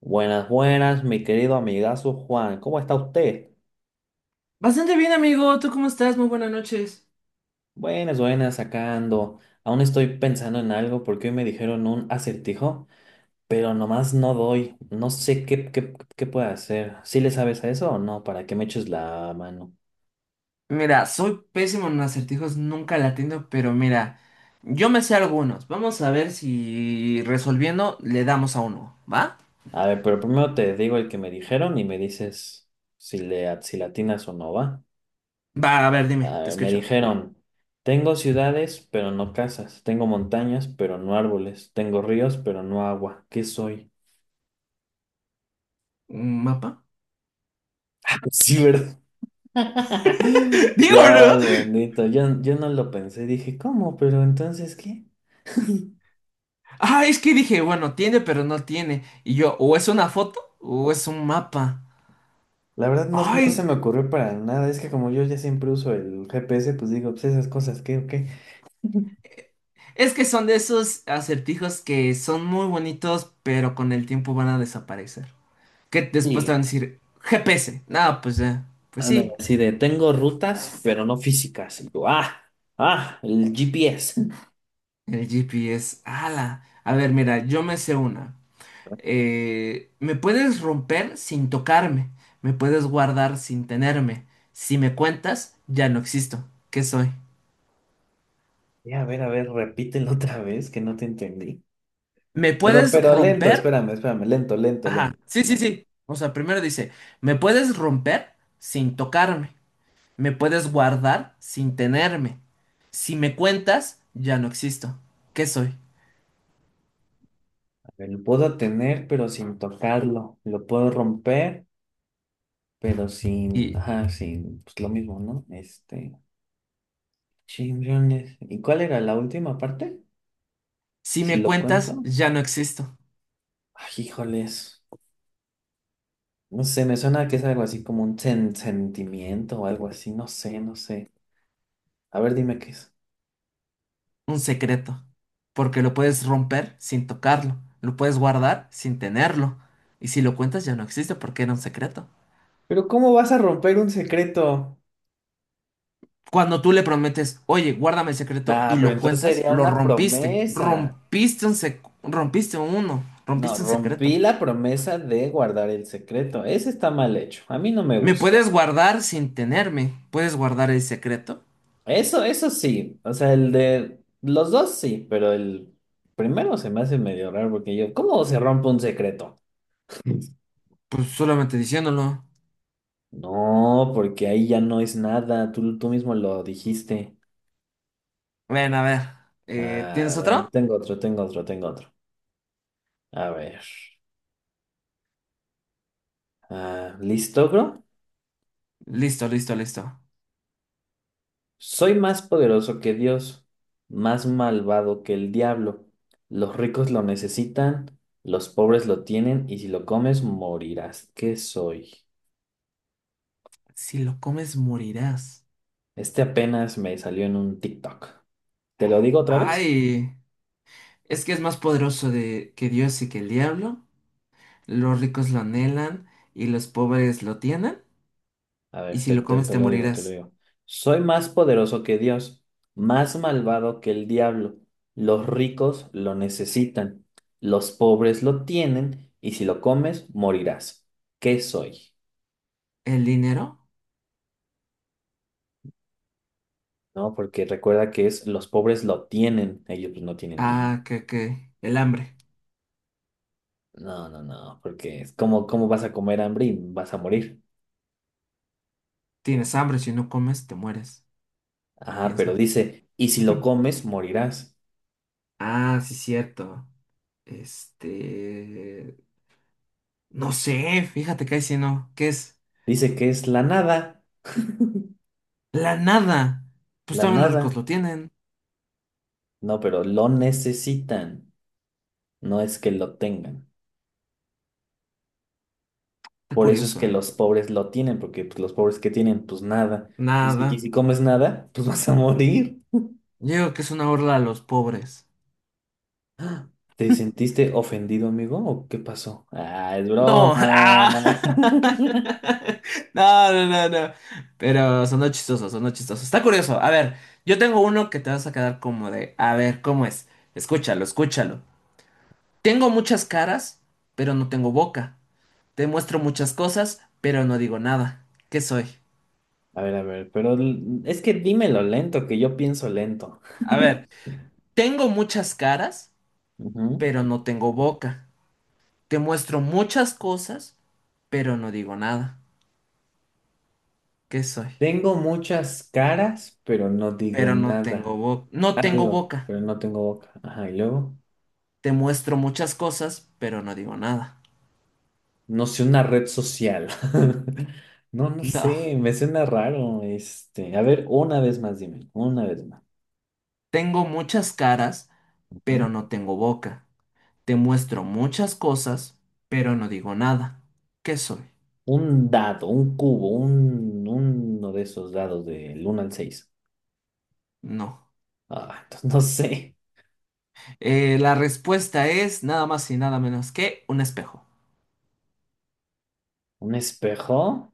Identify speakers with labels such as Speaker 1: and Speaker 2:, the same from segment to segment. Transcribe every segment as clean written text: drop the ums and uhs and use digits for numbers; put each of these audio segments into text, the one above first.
Speaker 1: Buenas, buenas, mi querido amigazo Juan, ¿cómo está usted?
Speaker 2: Bastante bien, amigo. ¿Tú cómo estás? Muy buenas noches.
Speaker 1: Buenas, buenas, sacando. Aún estoy pensando en algo porque hoy me dijeron un acertijo, pero nomás no doy. No sé qué puedo hacer. ¿Sí le sabes a eso o no? ¿Para que me eches la mano?
Speaker 2: Mira, soy pésimo en acertijos, nunca la atiendo, pero mira, yo me sé algunos. Vamos a ver si resolviendo le damos a uno, ¿va?
Speaker 1: A ver, pero primero te digo el que me dijeron y me dices si si latinas o no, ¿va?
Speaker 2: Va, a ver,
Speaker 1: A
Speaker 2: dime, te
Speaker 1: ver, me
Speaker 2: escucho.
Speaker 1: dijeron, tengo ciudades, pero no casas. Tengo montañas, pero no árboles. Tengo ríos, pero no agua. ¿Qué soy?
Speaker 2: ¿Un mapa?
Speaker 1: Sí, ¿verdad?
Speaker 2: Digo, ¿no?
Speaker 1: Dios bendito, yo no lo pensé, dije, ¿cómo? Pero entonces, ¿qué?
Speaker 2: Ah, es que dije, bueno, tiene, pero no tiene. Y yo, o es una foto o es un mapa.
Speaker 1: La verdad no se
Speaker 2: Ay,
Speaker 1: me ocurrió para nada, es que como yo ya siempre uso el GPS, pues digo, pues esas cosas, ¿qué o qué?
Speaker 2: es que son de esos acertijos que son muy bonitos, pero con el tiempo van a desaparecer, que después te
Speaker 1: Y
Speaker 2: van a decir GPS. No, pues ya, pues
Speaker 1: andan
Speaker 2: sí,
Speaker 1: así de, tengo rutas, pero no físicas. Y yo, ah, el GPS.
Speaker 2: el GPS. ¡Hala! A ver, mira, yo me sé una. Me puedes romper sin tocarme, me puedes guardar sin tenerme. Si me cuentas, ya no existo. ¿Qué soy?
Speaker 1: Ya, a ver, repítelo otra vez, que no te entendí.
Speaker 2: ¿Me
Speaker 1: Pero,
Speaker 2: puedes
Speaker 1: pero lento,
Speaker 2: romper?
Speaker 1: espérame, espérame, lento, lento, lento.
Speaker 2: Ajá, sí, sí, sí. O sea, primero dice, me puedes romper sin tocarme, me puedes guardar sin tenerme. Si me cuentas, ya no existo. ¿Qué soy?
Speaker 1: Lo puedo tener, pero sin tocarlo. Lo puedo romper, pero sin,
Speaker 2: Y
Speaker 1: ajá, sin, pues lo mismo, ¿no? Este, chinglones. ¿Y cuál era la última parte?
Speaker 2: si
Speaker 1: Si
Speaker 2: me
Speaker 1: lo
Speaker 2: cuentas,
Speaker 1: cuento.
Speaker 2: ya no existo.
Speaker 1: Ay, híjoles. No sé, me suena que es algo así como un sentimiento o algo así. No sé, no sé. A ver, dime qué es.
Speaker 2: Un secreto. Porque lo puedes romper sin tocarlo. Lo puedes guardar sin tenerlo. Y si lo cuentas, ya no existe porque era un secreto.
Speaker 1: Pero ¿cómo vas a romper un secreto?
Speaker 2: Cuando tú le prometes, oye, guárdame el secreto
Speaker 1: Ah,
Speaker 2: y
Speaker 1: pero
Speaker 2: lo
Speaker 1: entonces
Speaker 2: cuentas,
Speaker 1: sería
Speaker 2: lo
Speaker 1: una
Speaker 2: rompiste.
Speaker 1: promesa.
Speaker 2: Rompiste uno.
Speaker 1: No,
Speaker 2: Rompiste un
Speaker 1: rompí
Speaker 2: secreto.
Speaker 1: la promesa de guardar el secreto. Ese está mal hecho. A mí no me
Speaker 2: Me
Speaker 1: gustó.
Speaker 2: puedes guardar sin tenerme. ¿Puedes guardar el secreto?
Speaker 1: Eso sí. O sea, el de los dos sí, pero el primero se me hace medio raro porque yo, ¿cómo se rompe un secreto?
Speaker 2: Pues solamente diciéndolo.
Speaker 1: No, porque ahí ya no es nada. Tú mismo lo dijiste.
Speaker 2: Ven, a ver.
Speaker 1: Ah,
Speaker 2: ¿Tienes
Speaker 1: a ver,
Speaker 2: otro?
Speaker 1: tengo otro, tengo otro, tengo otro. A ver. Ah, ¿listo, bro?
Speaker 2: Listo, listo, listo.
Speaker 1: Soy más poderoso que Dios, más malvado que el diablo. Los ricos lo necesitan, los pobres lo tienen y si lo comes morirás. ¿Qué soy?
Speaker 2: Si lo comes, morirás.
Speaker 1: Este apenas me salió en un TikTok. ¿Te lo digo otra vez?
Speaker 2: Ay, es que es más poderoso de, que Dios y que el diablo. Los ricos lo anhelan y los pobres lo tienen.
Speaker 1: A
Speaker 2: Y
Speaker 1: ver,
Speaker 2: si lo comes
Speaker 1: te
Speaker 2: te
Speaker 1: lo digo, te lo
Speaker 2: morirás.
Speaker 1: digo. Soy más poderoso que Dios, más malvado que el diablo. Los ricos lo necesitan, los pobres lo tienen y si lo comes, morirás. ¿Qué soy?
Speaker 2: ¿El dinero?
Speaker 1: ¿No? Porque recuerda que es los pobres lo tienen, ellos pues no tienen dinero.
Speaker 2: Ah, que, que. El hambre.
Speaker 1: No, no, no, porque es como, ¿cómo vas a comer hambre y vas a morir?
Speaker 2: Tienes hambre, si no comes te mueres.
Speaker 1: Ajá, pero
Speaker 2: Piensa.
Speaker 1: dice, y si lo comes, morirás.
Speaker 2: Ah, sí, cierto. Este... No sé, fíjate que ahí sí no. ¿Qué es?
Speaker 1: Dice que es la nada.
Speaker 2: La nada. Pues
Speaker 1: La
Speaker 2: también los ricos
Speaker 1: nada.
Speaker 2: lo tienen.
Speaker 1: No, pero lo necesitan. No es que lo tengan.
Speaker 2: Está
Speaker 1: Por eso es
Speaker 2: curioso,
Speaker 1: que
Speaker 2: ¿eh?
Speaker 1: los pobres lo tienen, porque pues, los pobres que tienen, pues nada. Y si,
Speaker 2: Nada.
Speaker 1: y si comes nada, pues vas a morir.
Speaker 2: Yo digo que es una burla a los pobres.
Speaker 1: ¿Te sentiste ofendido, amigo? ¿O qué pasó? Ah, es
Speaker 2: No, ah.
Speaker 1: broma.
Speaker 2: No, no, no, no. Pero son chistosos, son chistosos. Está curioso. A ver, yo tengo uno que te vas a quedar como de, a ver, ¿cómo es? Escúchalo, escúchalo. Tengo muchas caras, pero no tengo boca. Te muestro muchas cosas, pero no digo nada. ¿Qué soy?
Speaker 1: A ver, pero es que dímelo lento, que yo pienso lento.
Speaker 2: A ver, tengo muchas caras,
Speaker 1: Ujú.
Speaker 2: pero no tengo boca. Te muestro muchas cosas, pero no digo nada. ¿Qué soy?
Speaker 1: Tengo muchas caras, pero no digo
Speaker 2: Pero no
Speaker 1: nada.
Speaker 2: tengo boca. No
Speaker 1: Ah,
Speaker 2: tengo
Speaker 1: digo,
Speaker 2: boca.
Speaker 1: pero no tengo boca. Ajá, y luego.
Speaker 2: Te muestro muchas cosas, pero no digo nada.
Speaker 1: No sé, una red social. No, no
Speaker 2: No.
Speaker 1: sé, me suena raro. Este, a ver, una vez más, dime, una vez más.
Speaker 2: Tengo muchas caras,
Speaker 1: Ujú.
Speaker 2: pero no tengo boca. Te muestro muchas cosas, pero no digo nada. ¿Qué soy?
Speaker 1: Un dado, un cubo, uno de esos dados del uno al seis.
Speaker 2: No.
Speaker 1: Ah, entonces no sé.
Speaker 2: La respuesta es nada más y nada menos que un espejo.
Speaker 1: ¿Un espejo?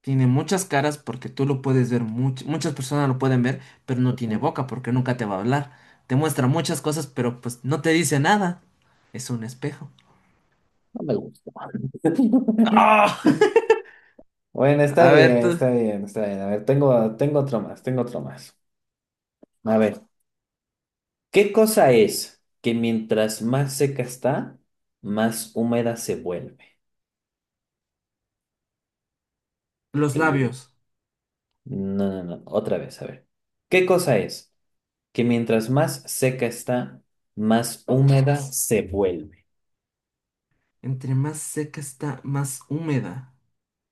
Speaker 2: Tiene muchas caras porque tú lo puedes ver, muchas personas lo pueden ver, pero no tiene
Speaker 1: Ujú.
Speaker 2: boca porque nunca te va a hablar. Te muestra muchas cosas, pero pues no te dice nada. Es un espejo.
Speaker 1: No me gusta.
Speaker 2: ¡Ah!
Speaker 1: Bueno, está
Speaker 2: A ver,
Speaker 1: bien,
Speaker 2: tú.
Speaker 1: está bien, está bien. A ver, tengo, tengo otro más, tengo otro más. A ver, ¿qué cosa es que mientras más seca está, más húmeda se vuelve?
Speaker 2: Los
Speaker 1: El-
Speaker 2: labios.
Speaker 1: No, no, no. Otra vez, a ver. ¿Qué cosa es que mientras más seca está, más húmeda se vuelve?
Speaker 2: Entre más seca está, más húmeda.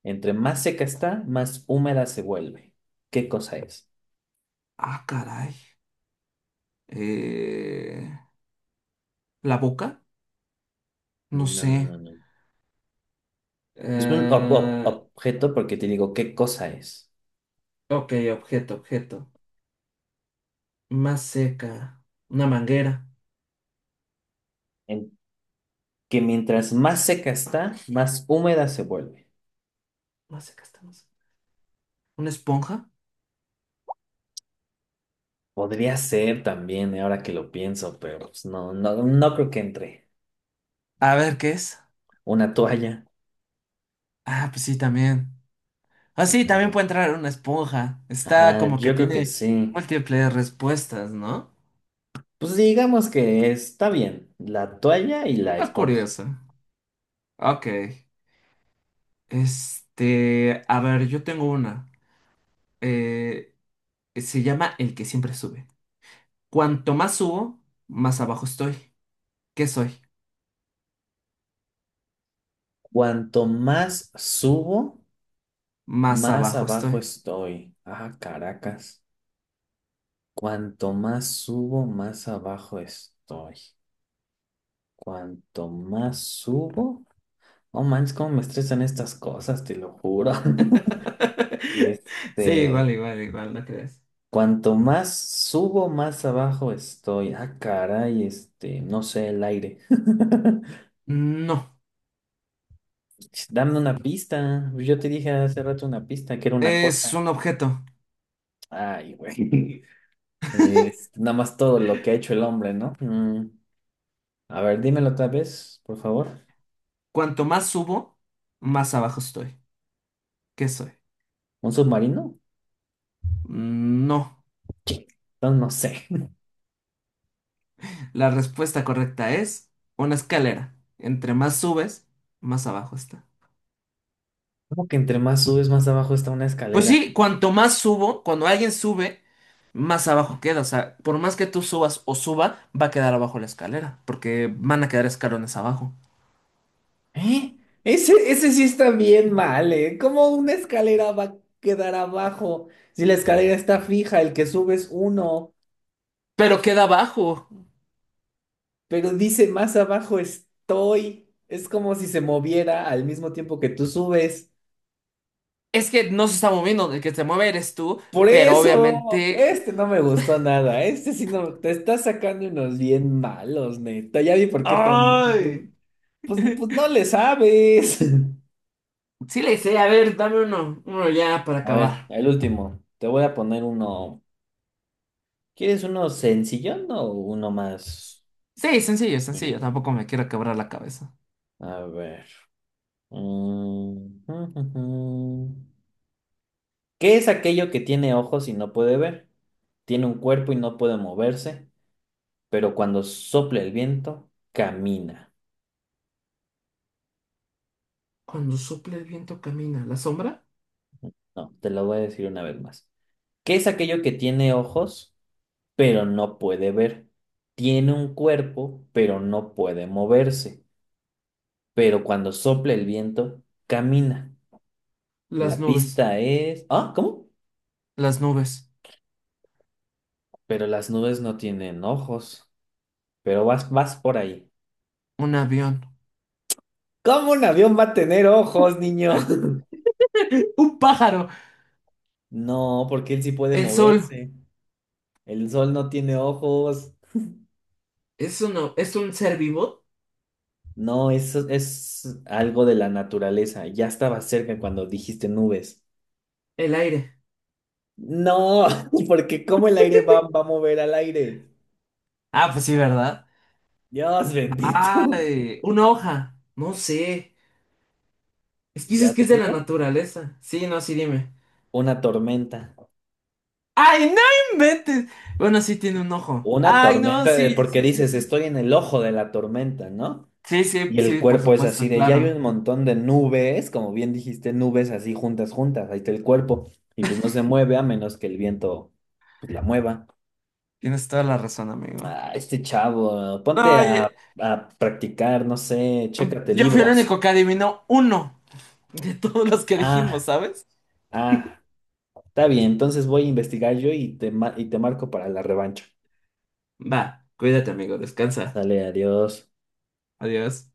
Speaker 1: Entre más seca está, más húmeda se vuelve. ¿Qué cosa es?
Speaker 2: Ah, caray. Eh, ¿La boca? No
Speaker 1: No,
Speaker 2: sé.
Speaker 1: no, no, no. Es un
Speaker 2: Eh,
Speaker 1: objeto porque te digo, ¿qué cosa es?
Speaker 2: ok, objeto, objeto. Más seca. Una manguera.
Speaker 1: En- que mientras más seca está, más húmeda se vuelve.
Speaker 2: Más seca está, más. ¿Una esponja?
Speaker 1: Podría ser también, ahora que lo pienso, pero pues, no, no, no creo que entre.
Speaker 2: A ver, ¿qué es?
Speaker 1: Una toalla.
Speaker 2: Ah, pues sí, también. Ah, sí, también
Speaker 1: Ajá,
Speaker 2: puede entrar una esponja. Está
Speaker 1: Ajá,
Speaker 2: como que
Speaker 1: yo creo que
Speaker 2: tiene
Speaker 1: sí.
Speaker 2: múltiples respuestas, ¿no?
Speaker 1: Pues digamos que está bien, la toalla y la
Speaker 2: Ah,
Speaker 1: esponja.
Speaker 2: curioso. Ok. Este, a ver, yo tengo una. Eh, Se llama el que siempre sube. Cuanto más subo, más abajo estoy. ¿Qué soy?
Speaker 1: Cuanto más subo,
Speaker 2: Más
Speaker 1: más
Speaker 2: abajo
Speaker 1: abajo
Speaker 2: estoy.
Speaker 1: estoy. Ah, caracas. Cuanto más subo, más abajo estoy. Cuanto más subo, oh manches, cómo me estresan estas cosas, te lo juro.
Speaker 2: Sí,
Speaker 1: Este,
Speaker 2: igual, igual, igual, ¿no crees?
Speaker 1: cuanto más subo, más abajo estoy. Ah, caray, este, no sé, el aire.
Speaker 2: No,
Speaker 1: Ch, dame una pista. Pues, yo te dije hace rato una pista, que era una
Speaker 2: es
Speaker 1: cosa.
Speaker 2: un objeto.
Speaker 1: Ay, güey. Es nada más todo lo que ha hecho el hombre, ¿no? Mm, a ver, dímelo otra vez, por favor.
Speaker 2: Cuanto más subo, más abajo estoy. ¿Qué soy?
Speaker 1: ¿Un submarino?
Speaker 2: No.
Speaker 1: Ch, no, no sé.
Speaker 2: La respuesta correcta es una escalera. Entre más subes, más abajo está.
Speaker 1: ¿Cómo que entre más subes, más abajo está una
Speaker 2: Pues
Speaker 1: escalera?
Speaker 2: sí, cuanto más subo, cuando alguien sube, más abajo queda. O sea, por más que tú subas o suba, va a quedar abajo la escalera, porque van a quedar escalones abajo.
Speaker 1: ¿Eh? Ese sí está bien mal, ¿eh? ¿Cómo una escalera va a quedar abajo? Si la escalera está fija, el que sube es uno.
Speaker 2: Pero queda abajo.
Speaker 1: Pero dice más abajo estoy. Es como si se moviera al mismo tiempo que tú subes.
Speaker 2: Es que no se está moviendo, el que se mueve eres tú,
Speaker 1: Por
Speaker 2: pero
Speaker 1: eso,
Speaker 2: obviamente...
Speaker 1: este no me gustó nada. Este sí no, te está sacando unos bien malos, neta. Ya vi por qué también.
Speaker 2: ¡Ay!
Speaker 1: Tú. Pues, pues no le sabes.
Speaker 2: Sí le hice, a ver, dame uno, uno ya para
Speaker 1: A ver,
Speaker 2: acabar.
Speaker 1: el último. Te voy a poner uno. ¿Quieres uno sencillón o uno más
Speaker 2: Sí, sencillo, sencillo,
Speaker 1: durito?
Speaker 2: tampoco me quiero quebrar la cabeza.
Speaker 1: A ver. Mm. ¿Qué es aquello que tiene ojos y no puede ver? Tiene un cuerpo y no puede moverse, pero cuando sopla el viento, camina.
Speaker 2: Cuando sopla el viento camina, ¿la sombra?
Speaker 1: No, te lo voy a decir una vez más. ¿Qué es aquello que tiene ojos, pero no puede ver? Tiene un cuerpo, pero no puede moverse, pero cuando sopla el viento, camina.
Speaker 2: Las
Speaker 1: La
Speaker 2: nubes,
Speaker 1: pista es... Ah, ¿cómo?
Speaker 2: las nubes,
Speaker 1: Pero las nubes no tienen ojos, pero vas por ahí.
Speaker 2: un avión,
Speaker 1: ¿Cómo un avión va a tener ojos, niño?
Speaker 2: un pájaro.
Speaker 1: No, porque él sí puede
Speaker 2: El sol
Speaker 1: moverse. El sol no tiene ojos.
Speaker 2: es uno, es un ser vivo.
Speaker 1: No, eso es algo de la naturaleza. Ya estaba cerca cuando dijiste nubes.
Speaker 2: El aire.
Speaker 1: No, porque ¿cómo el aire va a mover al aire?
Speaker 2: Ah, pues sí, ¿verdad?
Speaker 1: Dios bendito.
Speaker 2: Ay, una hoja. No sé. Es que
Speaker 1: Ya
Speaker 2: dices que
Speaker 1: te
Speaker 2: es de la
Speaker 1: digo,
Speaker 2: naturaleza. Sí, no, sí, dime.
Speaker 1: una tormenta.
Speaker 2: ¡Ay, no inventes! Bueno, sí tiene un ojo.
Speaker 1: Una
Speaker 2: ¡Ay, no!
Speaker 1: tormenta, de-
Speaker 2: Sí,
Speaker 1: porque
Speaker 2: sí, sí,
Speaker 1: dices,
Speaker 2: sí.
Speaker 1: estoy en el ojo de la tormenta, ¿no?
Speaker 2: Sí, sí,
Speaker 1: Y el
Speaker 2: sí, por
Speaker 1: cuerpo es así
Speaker 2: supuesto,
Speaker 1: de, ya hay
Speaker 2: claro.
Speaker 1: un montón de nubes, como bien dijiste, nubes así juntas, juntas, ahí está el cuerpo. Y pues no se mueve a menos que el viento pues la mueva.
Speaker 2: Tienes toda la razón, amigo.
Speaker 1: Ah, este chavo, ponte
Speaker 2: Ay,
Speaker 1: a practicar, no sé, chécate
Speaker 2: yo fui el
Speaker 1: libros.
Speaker 2: único que adivinó uno de todos los que dijimos,
Speaker 1: Ah,
Speaker 2: ¿sabes?
Speaker 1: ah, está bien, entonces voy a investigar yo y te, y te marco para la revancha.
Speaker 2: Va, cuídate, amigo, descansa.
Speaker 1: Sale, adiós.
Speaker 2: Adiós.